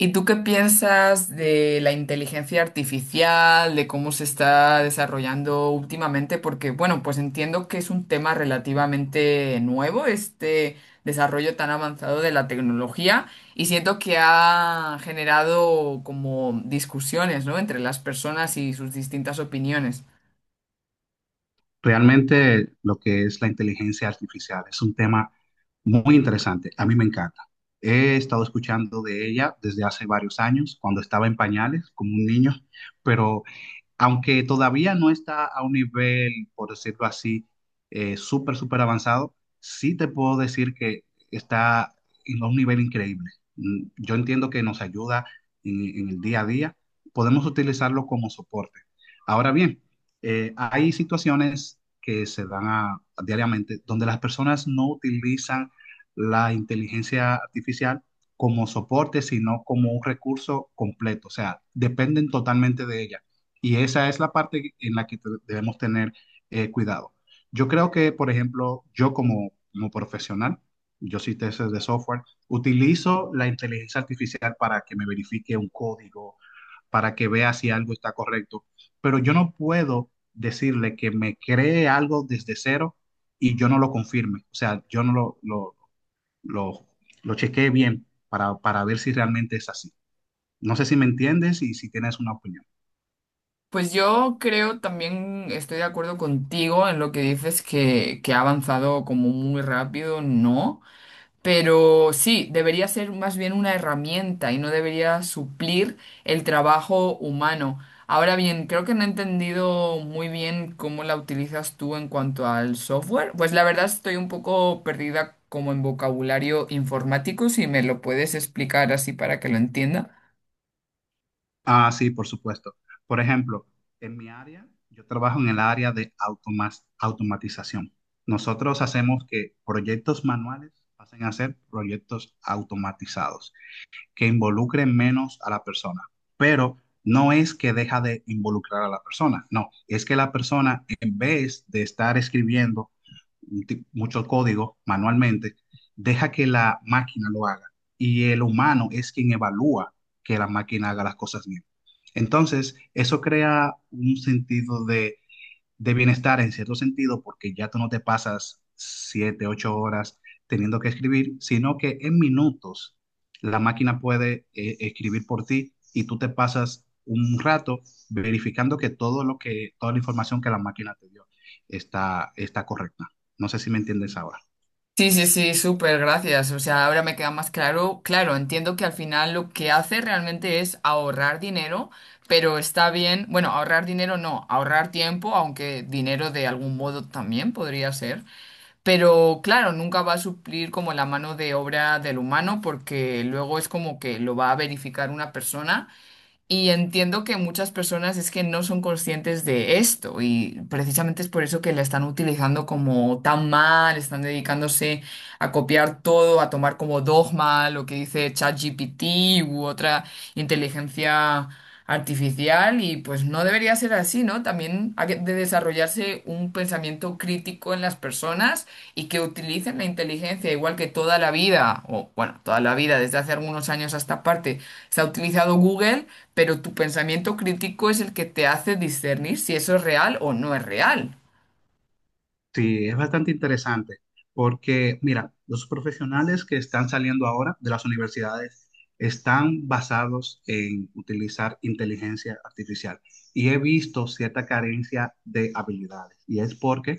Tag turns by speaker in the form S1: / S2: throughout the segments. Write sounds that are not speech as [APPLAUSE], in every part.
S1: ¿Y tú qué piensas de la inteligencia artificial, de cómo se está desarrollando últimamente? Porque, bueno, pues entiendo que es un tema relativamente nuevo, este desarrollo tan avanzado de la tecnología, y siento que ha generado como discusiones, ¿no? Entre las personas y sus distintas opiniones.
S2: Realmente lo que es la inteligencia artificial es un tema muy interesante. A mí me encanta. He estado escuchando de ella desde hace varios años, cuando estaba en pañales, como un niño, pero aunque todavía no está a un nivel, por decirlo así, súper avanzado, sí te puedo decir que está en un nivel increíble. Yo entiendo que nos ayuda en el día a día. Podemos utilizarlo como soporte. Ahora bien, hay situaciones que diariamente donde las personas no utilizan la inteligencia artificial como soporte, sino como un recurso completo. O sea, dependen totalmente de ella. Y esa es la parte en la que debemos tener cuidado. Yo creo que, por ejemplo, yo como profesional, yo soy tester de software, utilizo la inteligencia artificial para que me verifique un código, para que vea si algo está correcto, pero yo no puedo decirle que me cree algo desde cero y yo no lo confirme. O sea, yo no lo, lo, lo, lo chequeé bien para ver si realmente es así. No sé si me entiendes y si tienes una opinión.
S1: Pues yo creo también estoy de acuerdo contigo en lo que dices que ha avanzado como muy rápido, ¿no? Pero sí, debería ser más bien una herramienta y no debería suplir el trabajo humano. Ahora bien, creo que no he entendido muy bien cómo la utilizas tú en cuanto al software. Pues la verdad estoy un poco perdida como en vocabulario informático, si me lo puedes explicar así para que lo entienda.
S2: Ah, sí, por supuesto. Por ejemplo, en mi área, yo trabajo en el área de automatización. Nosotros hacemos que proyectos manuales pasen a ser proyectos automatizados que involucren menos a la persona. Pero no es que deja de involucrar a la persona, no, es que la persona en vez de estar escribiendo mucho código manualmente, deja que la máquina lo haga y el humano es quien evalúa que la máquina haga las cosas bien. Entonces, eso crea un sentido de bienestar en cierto sentido, porque ya tú no te pasas 7, 8 horas teniendo que escribir, sino que en minutos la máquina puede escribir por ti y tú te pasas un rato verificando que toda la información que la máquina te dio está, está correcta. No sé si me entiendes ahora.
S1: Sí, sí, sí, súper, gracias. O sea, ahora me queda más claro. Claro, entiendo que al final lo que hace realmente es ahorrar dinero, pero está bien, bueno, ahorrar dinero no, ahorrar tiempo, aunque dinero de algún modo también podría ser. Pero claro, nunca va a suplir como la mano de obra del humano porque luego es como que lo va a verificar una persona y entiendo que muchas personas es que no son conscientes de esto y precisamente es por eso que la están utilizando como tan mal, están dedicándose a copiar todo, a tomar como dogma lo que dice ChatGPT u otra inteligencia artificial y pues no debería ser así, ¿no? También de desarrollarse un pensamiento crítico en las personas y que utilicen la inteligencia igual que toda la vida, o bueno, toda la vida, desde hace algunos años a esta parte, se ha utilizado Google, pero tu pensamiento crítico es el que te hace discernir si eso es real o no es real.
S2: Sí, es bastante interesante porque, mira, los profesionales que están saliendo ahora de las universidades están basados en utilizar inteligencia artificial y he visto cierta carencia de habilidades y es porque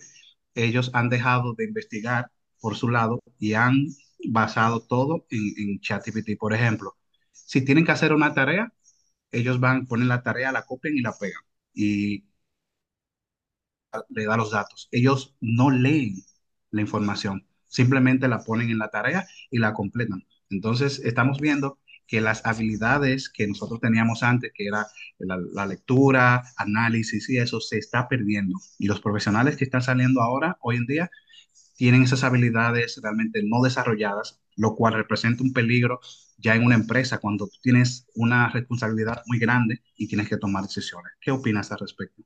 S2: ellos han dejado de investigar por su lado y han basado todo en ChatGPT. Por ejemplo, si tienen que hacer una tarea, ellos van, ponen la tarea, la copian y la pegan. Y le da los datos. Ellos no leen la información, simplemente la ponen en la tarea y la completan. Entonces, estamos viendo que las habilidades que nosotros teníamos antes, que era lectura, análisis y eso, se está perdiendo. Y los profesionales que están saliendo ahora, hoy en día, tienen esas habilidades realmente no desarrolladas, lo cual representa un peligro ya en una empresa cuando tú tienes una responsabilidad muy grande y tienes que tomar decisiones. ¿Qué opinas al respecto?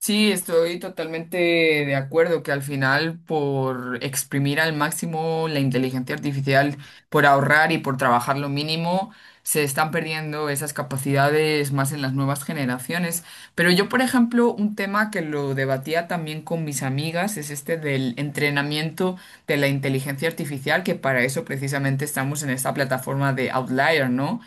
S1: Sí, estoy totalmente de acuerdo que al final por exprimir al máximo la inteligencia artificial, por ahorrar y por trabajar lo mínimo, se están perdiendo esas capacidades más en las nuevas generaciones. Pero yo, por ejemplo, un tema que lo debatía también con mis amigas es este del entrenamiento de la inteligencia artificial, que para eso precisamente estamos en esta plataforma de Outlier, ¿no?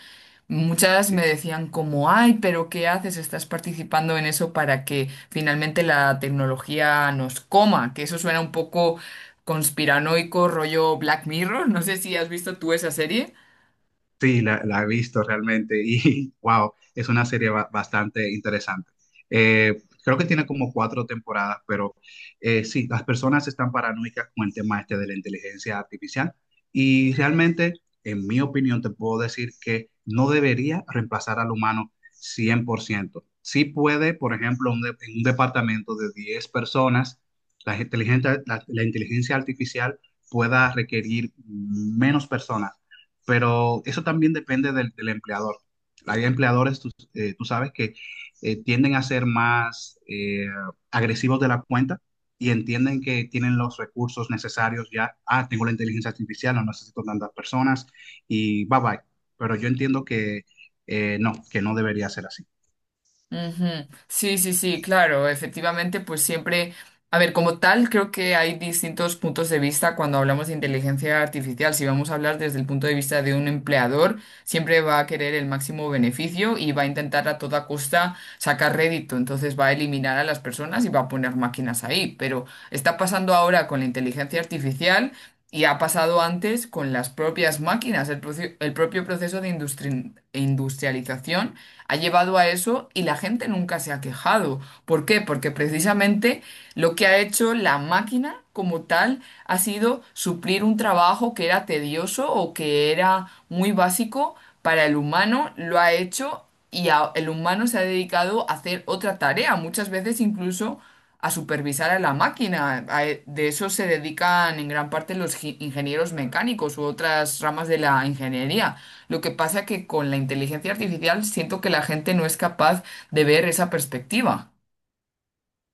S1: Muchas
S2: Sí,
S1: me decían como, ay, pero ¿qué haces? Estás participando en eso para que finalmente la tecnología nos coma, que eso suena un poco conspiranoico, rollo Black Mirror. No sé si has visto tú esa serie.
S2: la he visto realmente y [LAUGHS] wow, es una serie bastante interesante. Creo que tiene como 4 temporadas, pero sí, las personas están paranoicas con el tema este de la inteligencia artificial y realmente, en mi opinión, te puedo decir que no debería reemplazar al humano 100%. Sí puede, por ejemplo, en un departamento de 10 personas, la inteligencia artificial pueda requerir menos personas pero eso también depende del empleador. Hay empleadores, tú, tú sabes, que tienden a ser más agresivos de la cuenta y entienden que tienen los recursos necesarios ya. Ah, tengo la inteligencia artificial, no necesito tantas personas y bye bye. Pero yo entiendo que no, que no debería ser así.
S1: Ujú. Sí, sí, sí, claro, efectivamente, pues siempre, a ver, como tal, creo que hay distintos puntos de vista cuando hablamos de inteligencia artificial. Si vamos a hablar desde el punto de vista de un empleador, siempre va a querer el máximo beneficio y va a intentar a toda costa sacar rédito, entonces va a eliminar a las personas y va a poner máquinas ahí. Pero está pasando ahora con la inteligencia artificial. Y ha pasado antes con las propias máquinas. El propio proceso de industrialización ha llevado a eso y la gente nunca se ha quejado. ¿Por qué? Porque precisamente lo que ha hecho la máquina como tal ha sido suplir un trabajo que era tedioso o que era muy básico para el humano, lo ha hecho y el humano se ha dedicado a hacer otra tarea, muchas veces incluso a supervisar a la máquina. De eso se dedican en gran parte los ingenieros mecánicos u otras ramas de la ingeniería. Lo que pasa que con la inteligencia artificial siento que la gente no es capaz de ver esa perspectiva.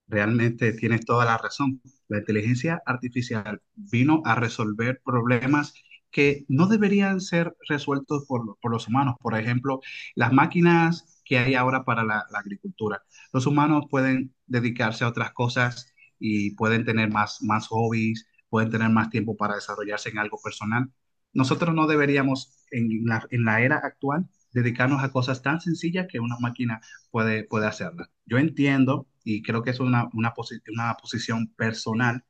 S2: Realmente tienes toda la razón. La inteligencia artificial vino a resolver problemas que no deberían ser resueltos por los humanos. Por ejemplo, las máquinas que hay ahora para la agricultura. Los humanos pueden dedicarse a otras cosas y pueden tener más hobbies, pueden tener más tiempo para desarrollarse en algo personal. Nosotros no deberíamos, en la era actual, dedicarnos a cosas tan sencillas que una máquina puede hacerla. Yo entiendo, y creo que es una posición personal,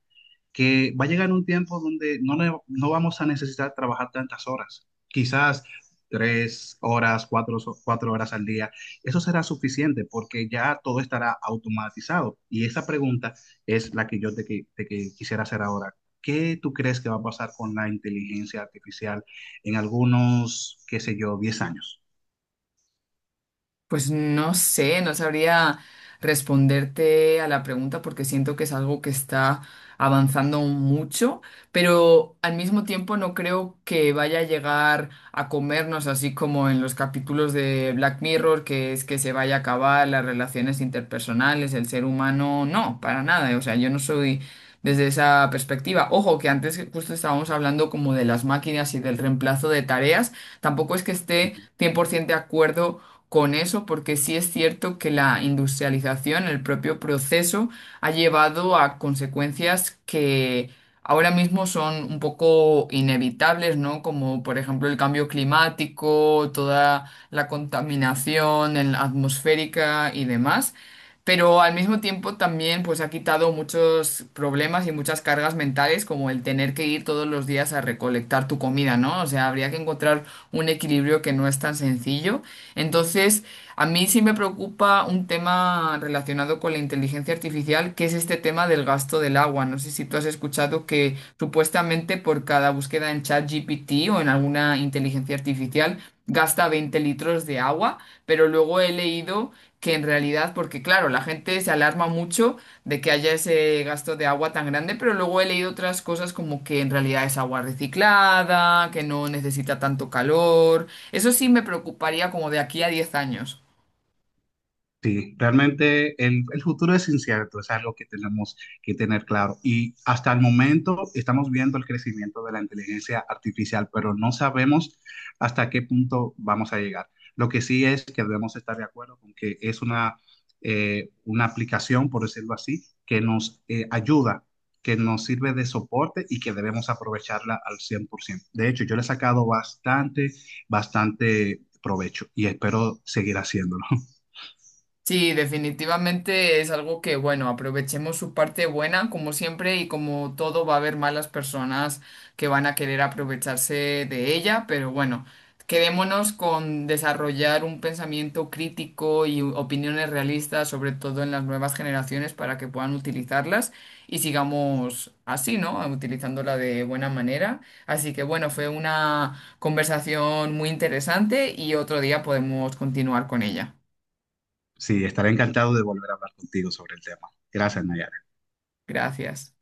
S2: que va a llegar un tiempo donde no vamos a necesitar trabajar tantas horas. Quizás 3 horas, cuatro, 4 horas al día. Eso será suficiente porque ya todo estará automatizado. Y esa pregunta es la que yo te qui- quisiera hacer ahora. ¿Qué tú crees que va a pasar con la inteligencia artificial en algunos, qué sé yo, 10 años?
S1: Pues no sé, no sabría responderte a la pregunta porque siento que es algo que está avanzando mucho, pero al mismo tiempo no creo que vaya a llegar a comernos así como en los capítulos de Black Mirror, que es que se vaya a acabar las relaciones interpersonales, el ser humano, no, para nada, o sea, yo no soy desde esa perspectiva. Ojo, que antes justo estábamos hablando como de las máquinas y del reemplazo de tareas, tampoco es que esté 100% de acuerdo con eso, porque sí es cierto que la industrialización, el propio proceso, ha llevado a consecuencias que ahora mismo son un poco inevitables, ¿no? Como por ejemplo el cambio climático, toda la atmosférica y demás, pero al mismo tiempo también pues ha quitado muchos problemas y muchas cargas mentales, como el tener que ir todos los días a recolectar tu comida, ¿no? O sea, habría que encontrar un equilibrio que no es tan sencillo. Entonces, a mí sí me preocupa un tema relacionado con la inteligencia artificial, que es este tema del gasto del agua. No sé si tú has escuchado que supuestamente por cada búsqueda en ChatGPT o en alguna inteligencia artificial gasta 20 litros de agua, pero luego he leído que en realidad, porque claro, la gente se alarma mucho de que haya ese gasto de agua tan grande, pero luego he leído otras cosas como que en realidad es agua reciclada, que no necesita tanto calor. Eso sí me preocuparía como de aquí a 10 años.
S2: Sí, realmente el futuro es incierto, es algo que tenemos que tener claro. Y hasta el momento estamos viendo el crecimiento de la inteligencia artificial, pero no sabemos hasta qué punto vamos a llegar. Lo que sí es que debemos estar de acuerdo con que es una aplicación, por decirlo así, que nos ayuda, que nos sirve de soporte y que debemos aprovecharla al 100%. De hecho, yo le he sacado bastante, bastante provecho y espero seguir haciéndolo.
S1: Sí, definitivamente es algo que, bueno, aprovechemos su parte buena, como siempre, y como todo va a haber malas personas que van a querer aprovecharse de ella, pero bueno, quedémonos con desarrollar un pensamiento crítico y opiniones realistas, sobre todo en las nuevas generaciones, para que puedan utilizarlas y sigamos así, ¿no? Utilizándola de buena manera. Así que bueno, fue una conversación muy interesante y otro día podemos continuar con ella.
S2: Sí, estaré encantado de volver a hablar contigo sobre el tema. Gracias, Nayar.
S1: Gracias.